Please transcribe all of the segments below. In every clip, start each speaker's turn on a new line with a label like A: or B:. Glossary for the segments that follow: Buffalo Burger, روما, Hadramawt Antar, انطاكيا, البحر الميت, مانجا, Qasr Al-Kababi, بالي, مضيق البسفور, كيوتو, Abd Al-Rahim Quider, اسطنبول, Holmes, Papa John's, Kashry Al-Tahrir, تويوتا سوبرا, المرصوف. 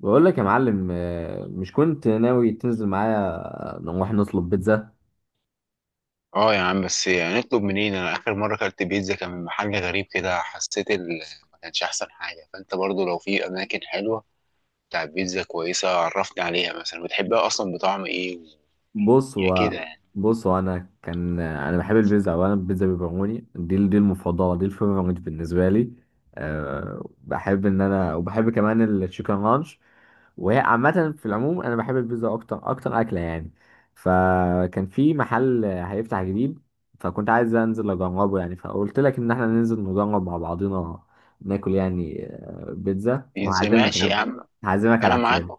A: بقول لك يا معلم، مش كنت ناوي تنزل معايا نروح نطلب بيتزا؟
B: اه يا عم، بس يعني نطلب منين؟ انا اخر مره اكلت بيتزا كان من محل غريب كده، حسيت ما كانش احسن حاجه. فانت برضو لو في اماكن حلوه بتاع بيتزا كويسه، عرفني عليها. مثلا بتحبها اصلا بطعم ايه
A: بص
B: يعني كده
A: هو
B: يعني.
A: بص هو انا كان انا بحب البيتزا. اولا البيتزا بيبروني دي المفضله، دي الفيفوريت بالنسبه لي. أه، بحب ان انا، وبحب كمان التشيكن رانش. وهي عامه في العموم انا بحب البيتزا اكتر، اكتر اكله يعني. فكان في محل هيفتح جديد، فكنت عايز انزل اجربه يعني، فقلت لك ان احنا ننزل نجرب مع بعضينا ناكل يعني بيتزا،
B: بيتزا
A: وهعزمك يا
B: ماشي يا
A: عم.
B: عم.
A: هعزمك
B: انا
A: على
B: معاك
A: حسابي.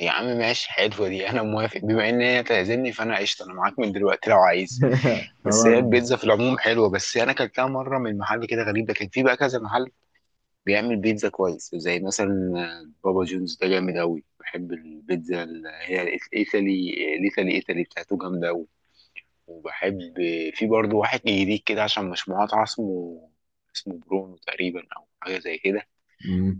B: يا عم، ماشي، حلوه دي، انا موافق. بما ان هي تعزمني فانا قشطه، انا معاك من دلوقتي لو عايز. بس
A: خلاص.
B: هي البيتزا في العموم حلوه، بس انا اكلتها مره من محل كده غريب. ده كان في بقى كذا محل بيعمل بيتزا كويس، زي مثلا بابا جونز. ده جامد أوي، بحب البيتزا اللي هي الإيطالي، الإيطالي إيطالي بتاعته جامدة أوي. وبحب في برضه واحد جديد كده، عشان مش مقاطعة، اسمه برونو تقريبا أو حاجة زي كده.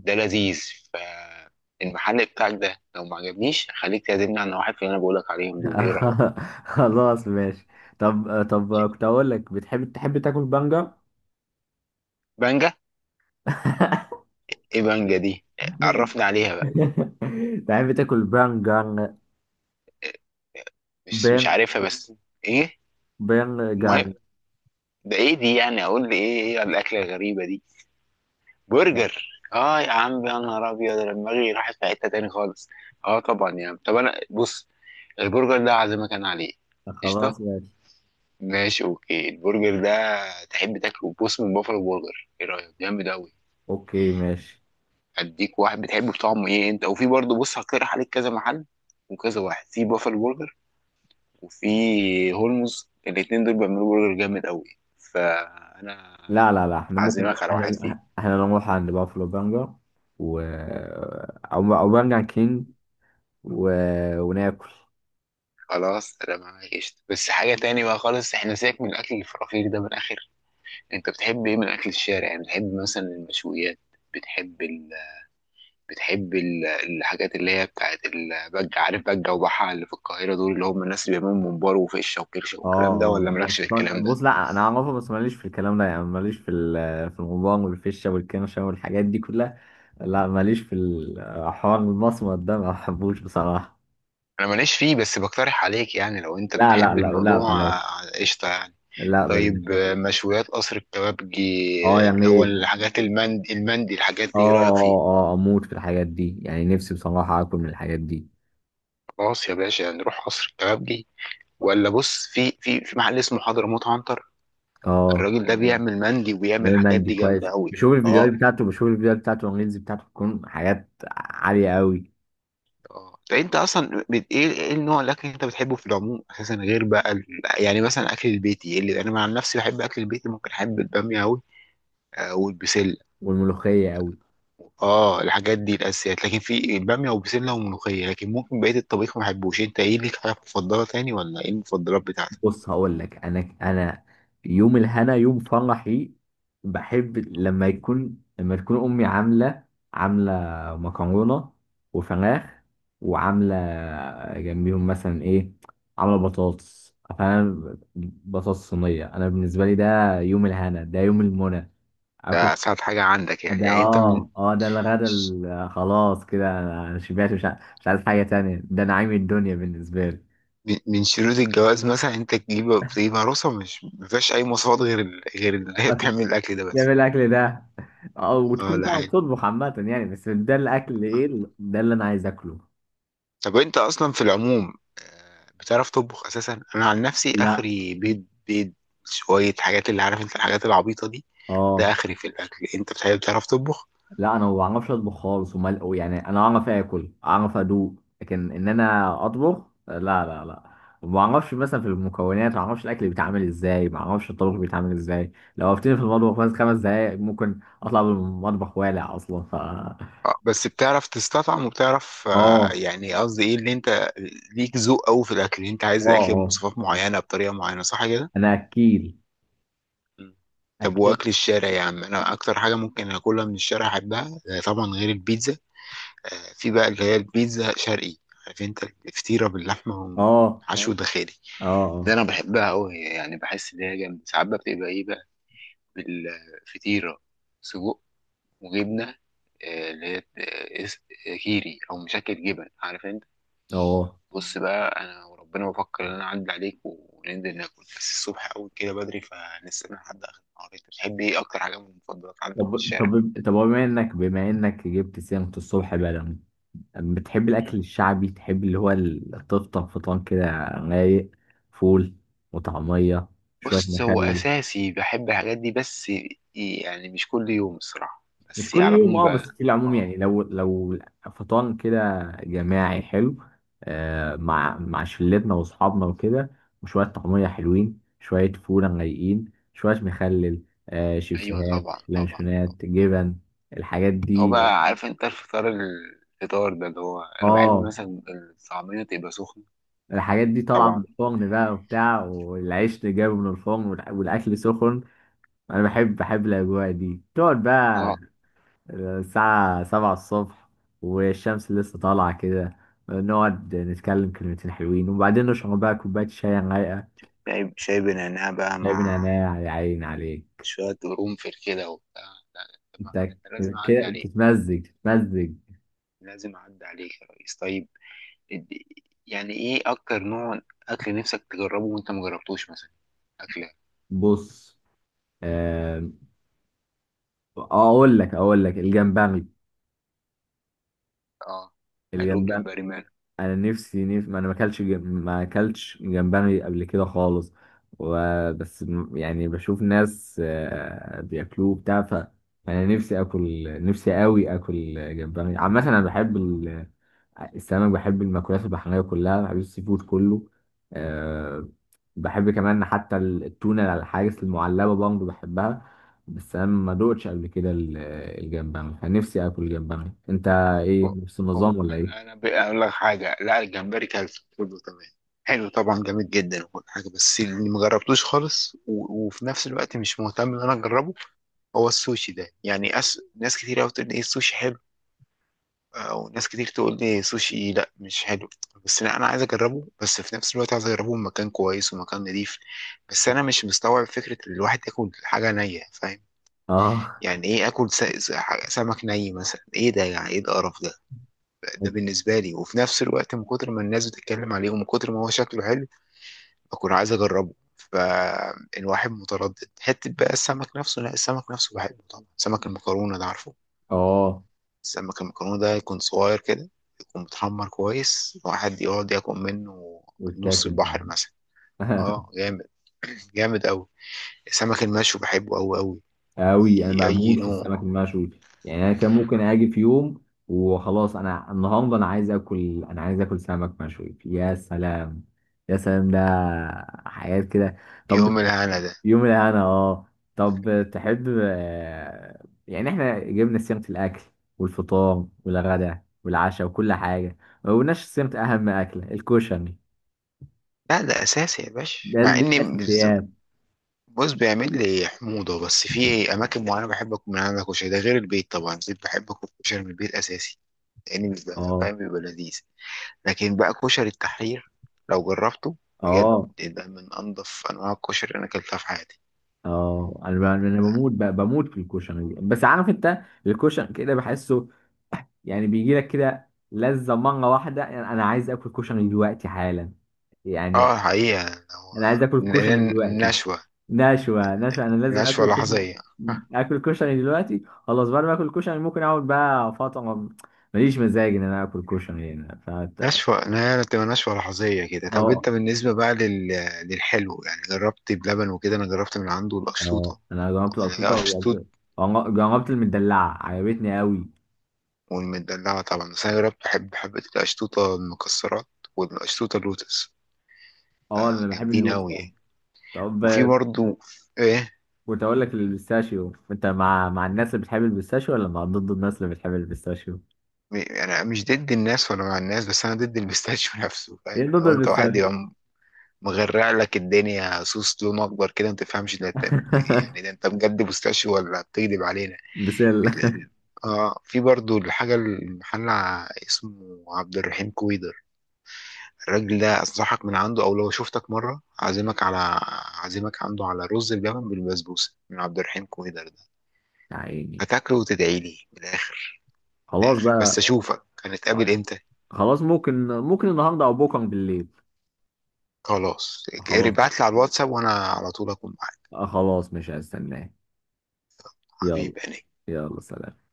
B: ده لذيذ. فالمحل بتاعك ده لو ما عجبنيش، خليك تعزمني عن واحد في اللي أنا بقولك عليهم دول. إيه رأيك؟
A: خلاص ماشي. طب كنت اقول لك، بتحب تاكل بانجا؟
B: بانجا. إيه بانجا دي؟ عرفني عليها بقى.
A: تحب تاكل بانجان؟
B: مش
A: بان،
B: عارفها بس. إيه؟ المهم،
A: بانجان.
B: ده إيه دي؟ يعني أقول لي إيه، إيه الأكلة الغريبة دي؟ برجر. اه يا عم، يا نهار ابيض، أنا دماغي راحت في حته تاني خالص. اه طبعا يا عم. طب انا بص، البرجر ده عازمك انا عليه. قشطه.
A: خلاص ماشي.
B: ماشي، اوكي، البرجر ده تحب تاكله، بص، من بافلو برجر. ايه رايك؟ جامد قوي.
A: اوكي ماشي.
B: اديك واحد بتحبه بطعمه ايه انت، وفي برضه بص، هقترح عليك كذا محل وكذا واحد في بافلو برجر وفي هولمز، الاتنين دول بيعملوا برجر جامد قوي. فانا
A: لا لا لا، احنا ممكن
B: عازمك على
A: احنا
B: واحد فيهم.
A: احنا نروح عند بافلو بانجا، و او بانجان كينج، و... وناكل.
B: خلاص انا معاك قشطة. بس حاجة تاني بقى خالص، احنا سيبك من الاكل الفرافير ده. من الاخر، انت بتحب ايه من اكل الشارع؟ يعني بتحب مثلا المشويات؟ بتحب ال... الحاجات اللي هي بتاعت البجة، عارف بجة وبحة اللي في القاهرة، دول اللي هم الناس اللي بيعملوا ممبار وفشة وكرشة
A: اه
B: والكلام ده، ولا
A: اه، بس
B: مالكش في الكلام ده؟
A: بص، لا انا اعرفه بس ماليش في الكلام ده يعني، ماليش في الغضبان والفشه والكرشه والحاجات دي كلها. لا، ماليش في الحوار المصمت ده، ما بحبوش بصراحة.
B: انا ماليش فيه، بس بقترح عليك. يعني لو انت
A: لا لا
B: بتحب
A: لا لا،
B: الموضوع
A: بلاش.
B: قشطة يعني.
A: لا
B: طيب
A: بلاش.
B: مشويات قصر الكبابجي،
A: اه
B: اللي هو
A: يعني.
B: الحاجات المندي، المندي، الحاجات
A: اه
B: دي ايه رأيك فيها؟
A: اه، اه اموت في الحاجات دي يعني، نفسي بصراحة اكل من الحاجات دي.
B: خلاص يا باشا، نروح قصر الكبابجي. ولا بص، في محل اسمه حضرموت عنتر.
A: اه.
B: الراجل ده بيعمل مندي وبيعمل
A: ده
B: الحاجات
A: مندي
B: دي جامده
A: كويس،
B: قوي.
A: بشوف الفيديوهات
B: اه
A: بتاعته، بشوف الفيديوهات بتاعته، والريلز بتاعته بتكون حاجات عالية قوي.
B: اه. طيب انت اصلا ايه النوع الاكل اللي انت بتحبه في العموم اساسا، غير بقى يعني مثلا اكل البيتي، اللي انا عن نفسي بحب اكل البيتي. ممكن احب الباميه قوي والبسله.
A: والملوخية قوي.
B: اه الحاجات دي الاساسيات، لكن في الباميه وبسله وملوخيه، لكن ممكن بقيه الطبيخ ما بحبوش. انت ايه ليك حاجه مفضله تاني؟ ولا ايه المفضلات بتاعتك؟
A: بص هقول لك، انا يوم الهنا يوم فرحي. بحب لما يكون لما تكون امي عامله، عامله مكرونه وفراخ، وعامله جنبيهم مثلا ايه، عامله بطاطس. فانا بطاطس صينيه، انا بالنسبه لي ده يوم الهنا، ده يوم المنى. اكل.
B: ده اسهل حاجه عندك يعني،
A: ده،
B: يعني انت من
A: ده الغدا خلاص كده، انا أنا شبعت، مش عايز حاجه تانية. ده نعيم الدنيا بالنسبه لي.
B: من من شروط الجواز مثلا انت تجيب عروسه مش مفيهاش اي مواصفات غير غير اللي هي بتعمل الاكل ده
A: جاب
B: بس.
A: الاكل ده. او
B: اه
A: وتكون
B: ده
A: بتعرف
B: حاجه.
A: تطبخ عامه يعني، بس ده الاكل ايه
B: آه.
A: ده اللي انا عايز اكله.
B: طب انت اصلا في العموم بتعرف تطبخ اساسا؟ انا عن نفسي
A: لا.
B: اخري بيض بيض، شويه حاجات اللي عارف انت، الحاجات العبيطه دي،
A: اه.
B: ده اخري في الاكل. انت بتحب بتعرف تطبخ؟
A: لا انا ما بعرفش اطبخ خالص، ومال يعني. انا اعرف اكل، اعرف ادوق، لكن ان انا اطبخ، لا لا لا، ما بعرفش. مثلا في المكونات ما بعرفش الاكل بيتعمل ازاي، ما بعرفش الطبخ بيتعمل ازاي. لو وقفتني في المطبخ بس 5 دقايق ممكن اطلع من المطبخ والع اصلا، ف...
B: بس بتعرف تستطعم وبتعرف
A: اه.
B: يعني، قصدي ايه، اللي انت ليك ذوق قوي في الاكل، اللي انت
A: اه
B: عايز الاكل
A: اه.
B: بمواصفات معينه بطريقه معينه، صح كده؟
A: انا اكيل،
B: مم. طب
A: اكيل.
B: واكل الشارع يا عم، انا اكتر حاجه ممكن اكلها من الشارع احبها طبعا غير البيتزا. في بقى اللي هي البيتزا شرقي، عارف انت الفطيره
A: اه
B: باللحمه وحشو اه داخلي،
A: اه.
B: ده
A: اه
B: انا بحبها قوي. يعني بحس ان هي جامده. ساعات بقى بتبقى ايه بقى؟ بالفطيره سجق وجبنه، اللي هي كيري او مشكل جبن، عارف انت.
A: اه.
B: بص بقى، انا وربنا بفكر ان انا اعدي عليك وننزل ناكل، بس الصبح قوي كده بدري، فنستنى لحد اخر النهار. انت بتحب ايه اكتر حاجه من المفضلات عندك في
A: طب
B: الشارع؟
A: طب طب هو بما انك جبت سيرة الصبح بدري، بتحب الاكل
B: مم.
A: الشعبي؟ تحب اللي هو تفطر فطار كده، رايق، فول وطعمية، شوية
B: بص هو
A: مخلل؟
B: اساسي بحب الحاجات دي، بس يعني مش كل يوم الصراحه،
A: مش
B: بس على
A: كل يوم
B: العموم
A: اه، بس
B: بقى.
A: في العموم
B: اه
A: يعني. لو، فطار كده جماعي حلو، آه، مع شلتنا واصحابنا وكده، وشوية طعمية حلوين، شوية فول رايقين، شوية مخلل، آه،
B: ايوه
A: شيبسيهات،
B: طبعا طبعا.
A: لانشونات، جبن. الحاجات
B: هو
A: دي.
B: بقى عارف انت الفطار، الفطار ده اللي هو انا بحب
A: اه،
B: مثلا الطعميه تبقى سخنه.
A: الحاجات دي طالعة من
B: طبعا.
A: الفرن بقى وبتاع، والعيش اللي جايبه من الفرن، والأكل سخن. أنا بحب الأجواء دي. تقعد بقى
B: اه.
A: الساعة 7 الصبح، والشمس لسه طالعة كده، نقعد نتكلم كلمتين حلوين، وبعدين نشرب بقى كوباية شاي رايقة.
B: شاي شاي بنعناع بقى
A: جايب
B: مع
A: نعناع يا عين عليك.
B: شوية قرنفل كده وبتاع. لا لا، طب ما
A: أنت
B: ده أنت لازم أعدي
A: كده
B: عليك.
A: تتمزج، تتمزج.
B: لازم أعدي عليك يا ريس. طيب إد- يعني إيه أكتر نوع أكل نفسك تجربه وأنت مجربتوش مثلا؟ أكلة
A: بص، آم، أقول لك الجمبري.
B: آه قالوا
A: الجمبري.
B: الجمبري ماله؟
A: انا ما انا ما اكلتش جمبري قبل كده خالص. وبس يعني بشوف ناس بياكلوه بتاع، ف... انا نفسي اكل، نفسي قوي اكل جمبري عامه. انا بحب ال... السمك. بحب المأكولات البحريه كلها، بحب السي فود كله. أه. بحب كمان حتى التونه الحاجز المعلبه برضه بحبها. بس انا ما دوقتش قبل كده الجمبري. انا نفسي اكل جمبري. انت
B: و-
A: ايه، نفس النظام
B: أو
A: ولا
B: أنا
A: ايه؟
B: أنا بقى أقول لك حاجة، لا الجمبري كلته، كله تمام، حلو طبعا، جامد جدا وكل حاجة. بس اللي مجربتوش خالص وفي نفس الوقت مش مهتم إن أنا أجربه، هو السوشي ده. يعني ناس كتير أوي بتقول إيه السوشي حلو، وناس كتير تقول لي سوشي لا مش حلو. بس لا انا عايز اجربه، بس في نفس الوقت عايز اجربه في مكان كويس ومكان نضيف. بس انا مش مستوعب فكره ان الواحد ياكل حاجه نيه، فاهم؟
A: اه.
B: يعني ايه اكل سمك ني مثلا؟ ايه ده يعني؟ ايه القرف ده؟ ده بالنسبه لي. وفي نفس الوقت من كتر ما الناس بتتكلم عليه ومن كتر ما هو شكله حلو، بكون عايز اجربه، فالواحد متردد. حته بقى السمك نفسه، لا السمك نفسه بحبه طبعا. سمك المكرونه ده عارفه،
A: اه.
B: سمك المكرونة ده يكون صغير كده، يكون متحمر كويس، واحد يقعد ياكل منه نص
A: واتاكل.
B: البحر مثلا. اه جامد. جامد أوي. السمك المشوي بحبه أوي أوي.
A: قوي.
B: أي
A: انا
B: أي
A: بموت في السمك
B: نوع.
A: المشوي. يعني انا كان ممكن اجي في يوم وخلاص، انا النهارده انا عايز اكل، انا عايز اكل سمك مشوي. يا سلام، يا سلام ده حياة كده. طب.
B: يوم الهنا ده.
A: يوم الانا، اه. طب تحب، يعني احنا جبنا سيرة الاكل والفطار والغداء والعشاء وكل حاجة، ما قلناش سيرة اهم اكلة، الكشري.
B: لا ده أساسي يا باشا،
A: ده،
B: مع
A: دي
B: إني
A: الاساسيات.
B: بص، بيعمل لي حموضة، بس في أماكن معينة بحب أكل من عندك كشري. ده غير البيت طبعا، البيت بحب أكل كشري من البيت أساسي، لأني بيبقى
A: اه
B: فاهم، بيبقى لذيذ. لكن بقى كشري التحرير، لو جربته، بجد
A: اه.
B: ده من انضف انواع الكشري اللي انا اكلتها في حياتي.
A: اه، انا بموت بموت في الكشري. بس عارف انت، الكشري كده بحسه يعني بيجي لك كده لذة مرة واحدة، يعني انا عايز اكل كشري دلوقتي حالا، يعني
B: اه حقيقة هو
A: انا عايز اكل
B: ن-
A: كشري
B: ن-
A: دلوقتي.
B: نشوة
A: نشوة، نشوة. انا لازم
B: نشوة
A: اكل كشري.
B: لحظية.
A: اكل كشري دلوقتي خلاص، بعد ما اكل كشري ممكن اقعد بقى فترة، ماليش مزاج ان انا اكل كشري. هنا فت...
B: نشوة، لا بتبقى نشوة لحظية كده. طب
A: اه.
B: انت بالنسبة بقى للحلو، يعني جربت بلبن وكده. انا جربت من عنده
A: اه،
B: القشطوطة.
A: انا جربت
B: انا هي
A: الاشرطة،
B: قشطوط.
A: وجربت، جربت المدلعة عجبتني قوي.
B: والمدلعة طبعا. بس انا جربت بحب حبة القشطوطة المكسرات والقشطوطة اللوتس.
A: اه انا بحب
B: جامدين
A: اللوت.
B: قوي يعني.
A: طب،
B: وفي برضو ايه.
A: كنت اقول لك، البيستاشيو، انت مع الناس اللي بتحب البيستاشيو، ولا مع ضد الناس اللي بتحب البيستاشيو؟
B: انا مش ضد الناس ولا مع الناس، بس انا ضد البيستاشيو نفسه، فاهم؟
A: ايه ضد
B: لو انت واحد
A: البيستاشيو؟
B: يبقى مغرع لك الدنيا صوص لون اكبر كده ما تفهمش، ده انت يعني. ده انت بجد بيستاشيو ولا بتكذب علينا؟ ال...
A: بسلة.
B: ال... اه في برضو الحاجه، المحل اسمه عبد الرحيم كويدر. الراجل ده انصحك من عنده، او لو شفتك مره عازمك عنده على رز بلبن بالبسبوسه من عبد الرحيم كويدر ده.
A: يا عيني.
B: هتاكله وتدعي لي من الاخر. من
A: خلاص
B: الاخر، بس
A: بقى.
B: اشوفك هنتقابل امتى؟
A: خلاص، ممكن النهارده او بكره بالليل.
B: خلاص
A: خلاص.
B: ابعت لي على الواتساب وانا على طول اكون معاك.
A: خلاص مش هستناه. يلا.
B: حبيبي يعني.
A: يلا سلام.